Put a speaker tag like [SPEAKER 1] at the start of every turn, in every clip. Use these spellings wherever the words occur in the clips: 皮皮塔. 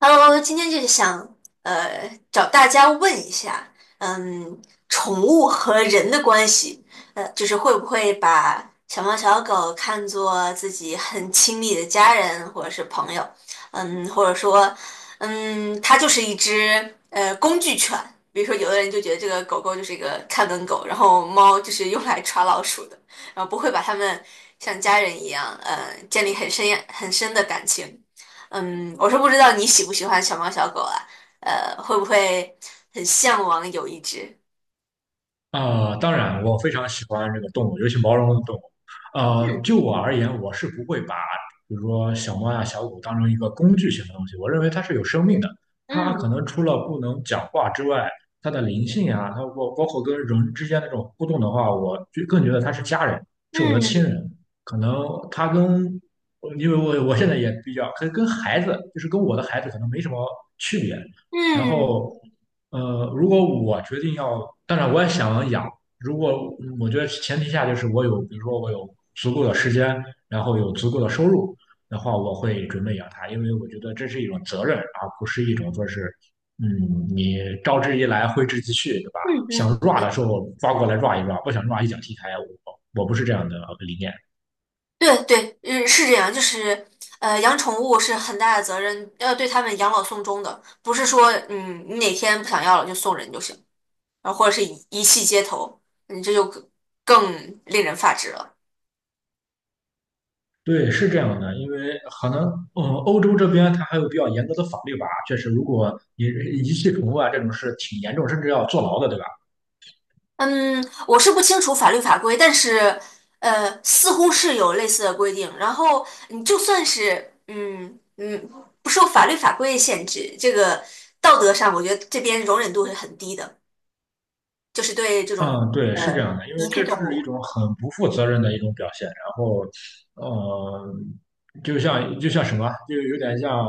[SPEAKER 1] Hello，今天就是想找大家问一下，嗯，宠物和人的关系。就是会不会把小猫小狗看作自己很亲密的家人或者是朋友，或者说，它就是一只工具犬。比如说有的人就觉得这个狗狗就是一个看门狗，然后猫就是用来抓老鼠的，然后不会把它们像家人一样，建立很深很深的感情。我是不知道你喜不喜欢小猫小狗啊，会不会很向往有一只？
[SPEAKER 2] 当然，我非常喜欢这个动物，尤其毛茸茸的动物。
[SPEAKER 1] 嗯
[SPEAKER 2] 就我而言，我是不会把比如说小猫呀、小狗当成一个工具性的东西。我认为它是有生命的，它可
[SPEAKER 1] 嗯
[SPEAKER 2] 能除了不能讲话之外，它的灵性呀，它包括跟人之间那种互动的话，我就更觉得它是家人，是我的亲
[SPEAKER 1] 嗯
[SPEAKER 2] 人。可能它跟，因为我现在也比较跟孩子，就是跟我的孩子可能没什么区别。然
[SPEAKER 1] 嗯
[SPEAKER 2] 后，如果我决定要，当然我也想养。如果我觉得前提下就是我有，比如说我有足够的时间，然后有足够的收入的话，我会准备养它，因为我觉得这是一种责任，而不是一种说是，你招之即来，挥之即去，对吧？
[SPEAKER 1] 嗯。
[SPEAKER 2] 想 rua 的
[SPEAKER 1] 嗯，
[SPEAKER 2] 时候抓过来 rua 一 rua,不想 rua 一脚踢开。我不是这样的理念。
[SPEAKER 1] 对对对。嗯，是这样。就是养宠物是很大的责任，要对它们养老送终的，不是说你哪天不想要了就送人就行，然后或者是遗弃街头，你这就更令人发指了。
[SPEAKER 2] 对，是这样的，因为可能，欧洲这边它还有比较严格的法律吧，确实，如果你遗弃宠物啊，这种事挺严重，甚至要坐牢的，对吧？
[SPEAKER 1] 嗯，我是不清楚法律法规，但是似乎是有类似的规定。然后你就算是不受法律法规限制，这个道德上，我觉得这边容忍度是很低的，就是对这种
[SPEAKER 2] 嗯，对，是这
[SPEAKER 1] 呃
[SPEAKER 2] 样的，因为
[SPEAKER 1] 遗弃
[SPEAKER 2] 这
[SPEAKER 1] 动
[SPEAKER 2] 是一
[SPEAKER 1] 物。
[SPEAKER 2] 种很不负责任的一种表现，然后，呃，就像什么，就有点像，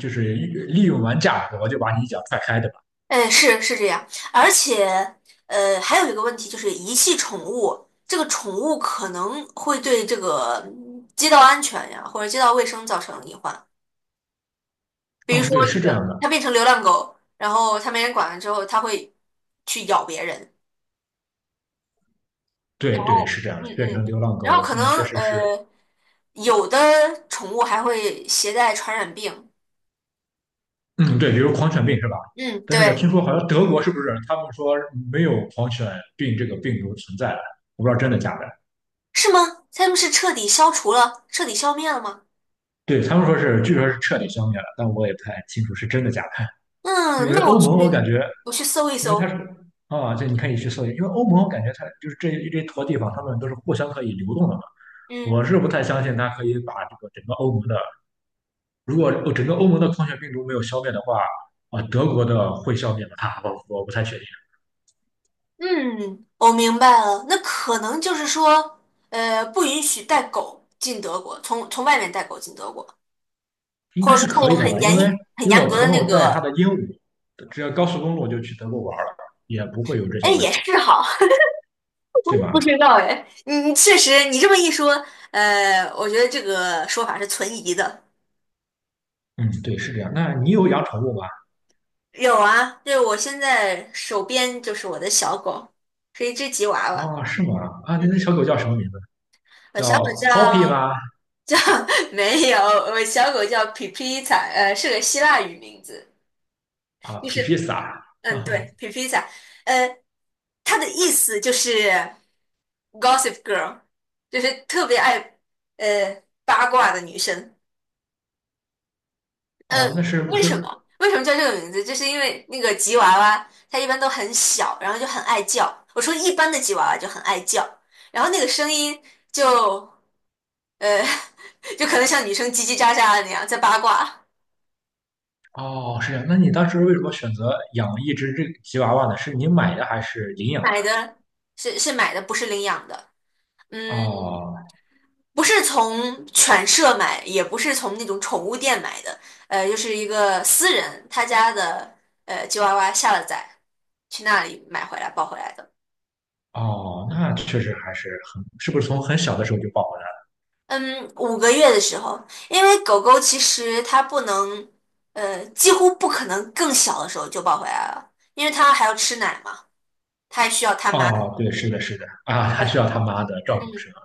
[SPEAKER 2] 就是利用完价格，我就把你一脚踹开，对吧？
[SPEAKER 1] 哎，是是这样。而且还有一个问题就是遗弃宠物，这个宠物可能会对这个街道安全呀或者街道卫生造成隐患。比如
[SPEAKER 2] 嗯，对，
[SPEAKER 1] 说这
[SPEAKER 2] 是这样
[SPEAKER 1] 个，
[SPEAKER 2] 的，
[SPEAKER 1] 它变成流浪狗，然后它没人管了之后，它会去咬别人。
[SPEAKER 2] 对对，是这样的，
[SPEAKER 1] 嗯
[SPEAKER 2] 变
[SPEAKER 1] 嗯。
[SPEAKER 2] 成流浪狗，
[SPEAKER 1] 然后可能
[SPEAKER 2] 那确实是。
[SPEAKER 1] 呃，有的宠物还会携带传染病。
[SPEAKER 2] 嗯，对，比如狂犬病是吧？
[SPEAKER 1] 嗯，
[SPEAKER 2] 但是我听
[SPEAKER 1] 对。
[SPEAKER 2] 说好像德国是不是他们说没有狂犬病这个病毒存在了？我不知道真的假的。
[SPEAKER 1] 是吗？它们是彻底消除了，彻底消灭了吗？
[SPEAKER 2] 对，他们说是，据说是彻底消灭了，但我也不太清楚是真的假的。因
[SPEAKER 1] 嗯，
[SPEAKER 2] 为
[SPEAKER 1] 那
[SPEAKER 2] 欧
[SPEAKER 1] 我去，
[SPEAKER 2] 盟，我感觉，
[SPEAKER 1] 我去搜一
[SPEAKER 2] 因为它是
[SPEAKER 1] 搜。
[SPEAKER 2] 啊，这你可以去搜一下，因为欧盟我感觉它就是这坨地方，他们都是互相可以流动的嘛。
[SPEAKER 1] 嗯
[SPEAKER 2] 我是不太相信它可以把这个整个欧盟的，如果整个欧盟的狂犬病毒没有消灭的话，啊，德国的会消灭吗？它我不太确定。
[SPEAKER 1] 嗯，我明白了。那可能就是说，不允许带狗进德国，从外面带狗进德国，
[SPEAKER 2] 应
[SPEAKER 1] 或者
[SPEAKER 2] 该
[SPEAKER 1] 是
[SPEAKER 2] 是
[SPEAKER 1] 它
[SPEAKER 2] 可
[SPEAKER 1] 有
[SPEAKER 2] 以的吧？因为
[SPEAKER 1] 很
[SPEAKER 2] 因为
[SPEAKER 1] 严
[SPEAKER 2] 我
[SPEAKER 1] 格的
[SPEAKER 2] 朋
[SPEAKER 1] 那
[SPEAKER 2] 友带他的
[SPEAKER 1] 个。
[SPEAKER 2] 鹦鹉，只要高速公路就去德国玩了，也不会有这
[SPEAKER 1] 哎，
[SPEAKER 2] 些问
[SPEAKER 1] 也
[SPEAKER 2] 题，
[SPEAKER 1] 是好。
[SPEAKER 2] 对
[SPEAKER 1] 不
[SPEAKER 2] 吧？
[SPEAKER 1] 知道哎，你确实，你这么一说，我觉得这个说法是存疑的。
[SPEAKER 2] 嗯，对，是这样。那你有养宠物吗？
[SPEAKER 1] 有啊，就是我现在手边就是我的小狗，是一只吉娃娃。
[SPEAKER 2] 啊，是吗？啊，那
[SPEAKER 1] 嗯，
[SPEAKER 2] 小狗叫什么名字？
[SPEAKER 1] 我小狗
[SPEAKER 2] 叫 Poppy
[SPEAKER 1] 叫
[SPEAKER 2] 吗？
[SPEAKER 1] 没有，我小狗叫皮皮塔，是个希腊语名字。
[SPEAKER 2] 啊，
[SPEAKER 1] 就
[SPEAKER 2] 皮
[SPEAKER 1] 是
[SPEAKER 2] 皮萨
[SPEAKER 1] 嗯，
[SPEAKER 2] 啊，
[SPEAKER 1] 对，皮皮塔。呃，它的意思就是 Gossip Girl，就是特别爱八卦的女生。呃，
[SPEAKER 2] 哦，那是不
[SPEAKER 1] 为什
[SPEAKER 2] 是？
[SPEAKER 1] 么？为什么叫这个名字？就是因为那个吉娃娃，它一般都很小，然后就很爱叫。我说一般的吉娃娃就很爱叫，然后那个声音就呃，就可能像女生叽叽喳喳的那样在八卦。
[SPEAKER 2] 哦，是这样。那你当时为什么选择养一只这个吉娃娃呢？是你买的还是领养的？
[SPEAKER 1] 买的，是买的，不是领养的。嗯，
[SPEAKER 2] 哦
[SPEAKER 1] 不是从犬舍买，也不是从那种宠物店买的。就是一个私人他家的吉娃娃下了崽，去那里买回来抱回来的。
[SPEAKER 2] 哦,那确实还是很，是不是从很小的时候就抱回来了？
[SPEAKER 1] 嗯，五个月的时候，因为狗狗其实它不能，几乎不可能更小的时候就抱回来了，因为它还要吃奶嘛，它还需要它妈。
[SPEAKER 2] 哦，对，是的，是的，啊，还
[SPEAKER 1] 对，
[SPEAKER 2] 需要他妈的照顾
[SPEAKER 1] 嗯，
[SPEAKER 2] 是吧？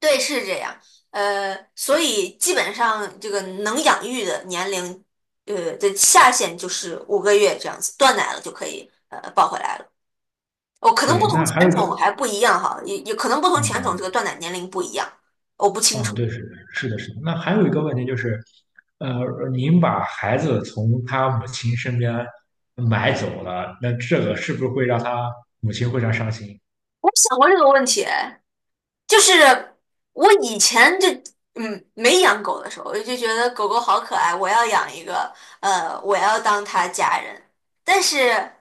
[SPEAKER 1] 对，是这样。所以基本上这个能养育的年龄，的下限就是五个月这样子，断奶了就可以抱回来了。哦，可能
[SPEAKER 2] 对，
[SPEAKER 1] 不同
[SPEAKER 2] 那还有
[SPEAKER 1] 犬
[SPEAKER 2] 一个，
[SPEAKER 1] 种还不一样哈，也可能不同犬种这
[SPEAKER 2] 嗯，
[SPEAKER 1] 个断奶年龄不一样，我不清
[SPEAKER 2] 啊，
[SPEAKER 1] 楚。
[SPEAKER 2] 对，是是的，是的。那还有一个问题就是，呃，您把孩子从他母亲身边买走了，那这个是不是会让他母亲非常伤心？
[SPEAKER 1] 我想过这个问题。哎，就是我以前就没养狗的时候，我就觉得狗狗好可爱，我要养一个。我要当它家人。但是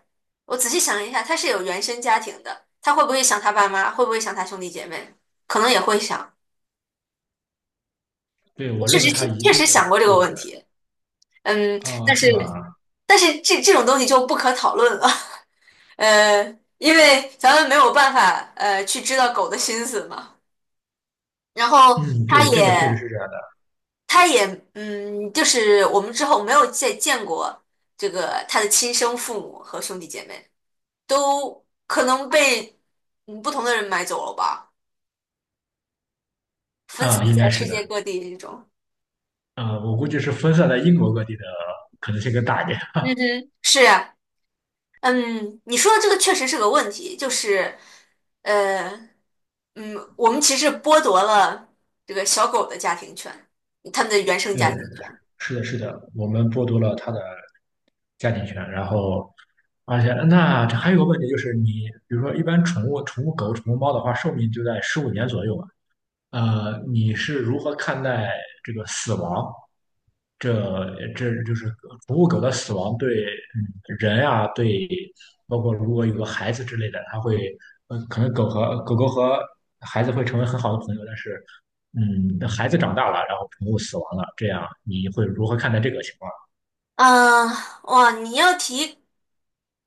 [SPEAKER 1] 我仔细想了一下，它是有原生家庭的，它会不会想它爸妈？会不会想它兄弟姐妹？可能也会想。
[SPEAKER 2] 对，我
[SPEAKER 1] 确
[SPEAKER 2] 认
[SPEAKER 1] 实
[SPEAKER 2] 为他一定
[SPEAKER 1] 想过这
[SPEAKER 2] 会
[SPEAKER 1] 个问
[SPEAKER 2] 的。
[SPEAKER 1] 题。嗯，
[SPEAKER 2] 啊，是吧？
[SPEAKER 1] 但是这种东西就不可讨论了。呃，因为咱们没有办法去知道狗的心思嘛。然后
[SPEAKER 2] 嗯，
[SPEAKER 1] 它
[SPEAKER 2] 对，这个确实
[SPEAKER 1] 也。
[SPEAKER 2] 是这样的。
[SPEAKER 1] 他也就是我们之后没有再见过这个他的亲生父母和兄弟姐妹，都可能被不同的人买走了吧，分散
[SPEAKER 2] 啊，
[SPEAKER 1] 在
[SPEAKER 2] 应该
[SPEAKER 1] 世
[SPEAKER 2] 是
[SPEAKER 1] 界
[SPEAKER 2] 的。
[SPEAKER 1] 各地这种。
[SPEAKER 2] 啊，我估计是分散在英国各地的可能性更大一点。
[SPEAKER 1] 嗯哼，是呀。嗯，你说的这个确实是个问题，就是呃我们其实剥夺了这个小狗的家庭权，他们的原生
[SPEAKER 2] 对，
[SPEAKER 1] 家庭权。
[SPEAKER 2] 是的，是的，我们剥夺了他的加进去，然后而且那这还有个问题就是你，比如说一般宠物狗、宠物猫的话，寿命就在15年左右吧。你是如何看待这个死亡？这这就是宠物狗的死亡对嗯人啊，对包括如果有个孩子之类的，它会可能狗狗和孩子会成为很好的朋友，但是孩子长
[SPEAKER 1] 嗯。
[SPEAKER 2] 大了，然后宠物死亡了，这样你会如何看待这个情况？
[SPEAKER 1] 嗯，哇，你要提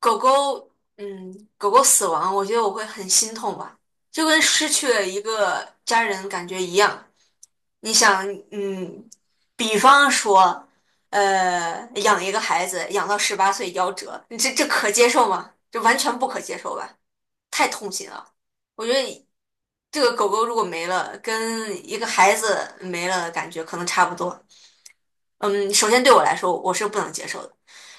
[SPEAKER 1] 狗狗。狗狗死亡，我觉得我会很心痛吧，就跟失去了一个家人感觉一样。你想，嗯，比方说，养一个孩子养到18岁夭折，你这可接受吗？这完全不可接受吧，太痛心了。我觉得这个狗狗如果没了，跟一个孩子没了感觉可能差不多。嗯，首先对我来说，我是不能接受的。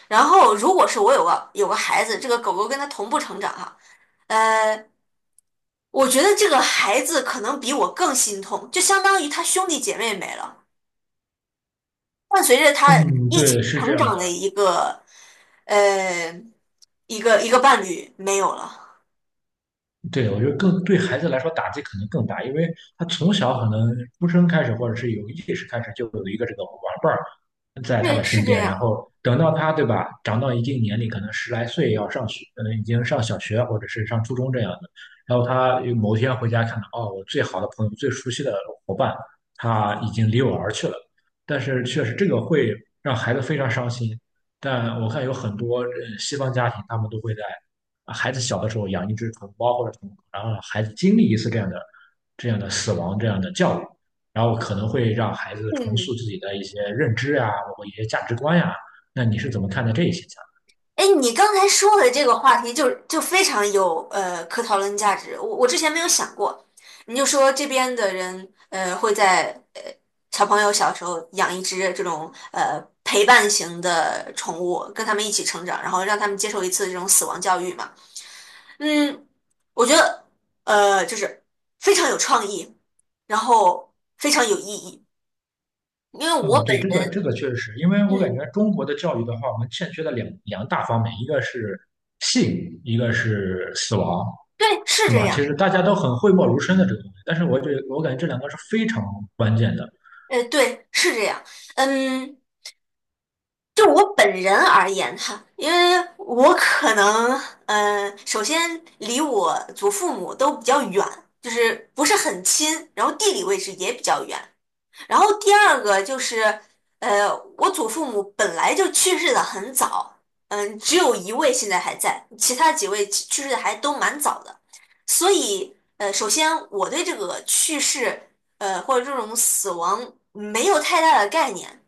[SPEAKER 1] 然后，如果是我有个孩子，这个狗狗跟他同步成长哈，呃，我觉得这个孩子可能比我更心痛，就相当于他兄弟姐妹没了，伴随着他
[SPEAKER 2] 嗯，
[SPEAKER 1] 一
[SPEAKER 2] 对，
[SPEAKER 1] 起
[SPEAKER 2] 是这
[SPEAKER 1] 成
[SPEAKER 2] 样
[SPEAKER 1] 长的
[SPEAKER 2] 的。
[SPEAKER 1] 呃一个伴侣没有了。
[SPEAKER 2] 对，我觉得更对孩子来说打击可能更大，因为他从小可能出生开始，或者是有意识开始，就有一个这个玩伴儿在他的
[SPEAKER 1] 对，是
[SPEAKER 2] 身
[SPEAKER 1] 这
[SPEAKER 2] 边，然
[SPEAKER 1] 样。
[SPEAKER 2] 后等到他，对吧，长到一定年龄，可能十来岁要上学，可能已经上小学或者是上初中这样的，然后他有某天回家看到，哦，我最好的朋友、最熟悉的伙伴，他已经离我而去了，但是确实这个会让孩子非常伤心，但我看有很多西方家庭，他们都会在啊孩子小的时候养一只宠物猫或者宠物狗，然后让孩子经历一次这样的死亡这样的教育，然后可能会让孩子重塑
[SPEAKER 1] 嗯。
[SPEAKER 2] 自己的一些认知呀，包括一些价值观呀。那你是怎么看待这一现象？
[SPEAKER 1] 哎，你刚才说的这个话题就非常有可讨论价值，我之前没有想过。你就说这边的人会在小朋友小时候养一只这种陪伴型的宠物，跟他们一起成长，然后让他们接受一次这种死亡教育嘛。嗯，我觉得就是非常有创意，然后非常有意义，因为我
[SPEAKER 2] 嗯，
[SPEAKER 1] 本
[SPEAKER 2] 对，这个这
[SPEAKER 1] 人。
[SPEAKER 2] 个确实是因为我感
[SPEAKER 1] 嗯，
[SPEAKER 2] 觉中国的教育的话，我们欠缺的两大方面，一个是性，一个是死亡，
[SPEAKER 1] 对，是
[SPEAKER 2] 是
[SPEAKER 1] 这
[SPEAKER 2] 吗？其
[SPEAKER 1] 样。
[SPEAKER 2] 实大家都很讳莫如深的这个东西，但是我觉得我感觉这两个是非常关键的。
[SPEAKER 1] 对，是这样。嗯。就我本人而言哈，因为我可能，首先离我祖父母都比较远，就是不是很亲，然后地理位置也比较远。然后第二个就是，呃，我祖父母本来就去世的很早，只有一位现在还在，其他几位去世的还都蛮早的。所以，首先我对这个去世，或者这种死亡没有太大的概念。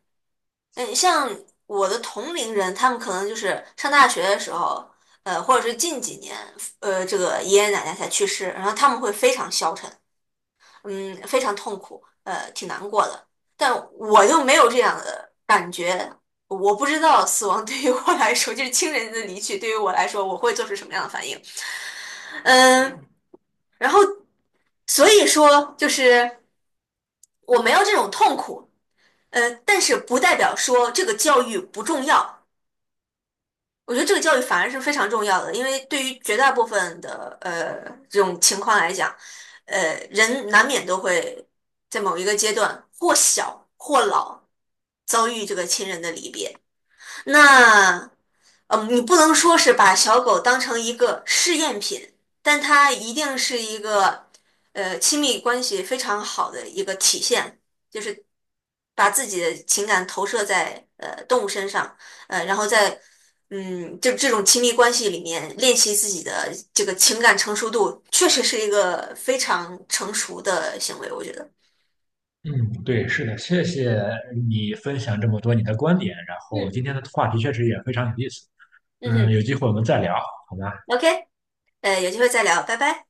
[SPEAKER 1] 像我的同龄人，他们可能就是上大学的时候，或者是近几年，这个爷爷奶奶才去世，然后他们会非常消沉，非常痛苦，挺难过的。但我就没有这样的感觉，我不知道死亡 对于我来说，就是亲人的离去对于我来说，我会做出什么样的反应。嗯，然后所以说就是我没有这种痛苦。但是不代表说这个教育不重要。我觉得这个教育反而是非常重要的，因为对于绝大部分的这种情况来讲，人难免都会在某一个阶段或小或老遭遇这个亲人的离别。那，你不能说是把小狗当成一个试验品，但它一定是一个，亲密关系非常好的一个体现，就是把自己的情感投射在动物身上，然后在就这种亲密关系里面练习自己的这个情感成熟度，确实是一个非常成熟的行为，我觉得。
[SPEAKER 2] 嗯，对，是的，谢谢你分享这么多你的观点，然后
[SPEAKER 1] 嗯
[SPEAKER 2] 今天的话题确实也非常有意思。
[SPEAKER 1] 嗯
[SPEAKER 2] 嗯，
[SPEAKER 1] 哼
[SPEAKER 2] 有机会我们再聊，好吧？
[SPEAKER 1] ，OK，有机会再聊，拜拜。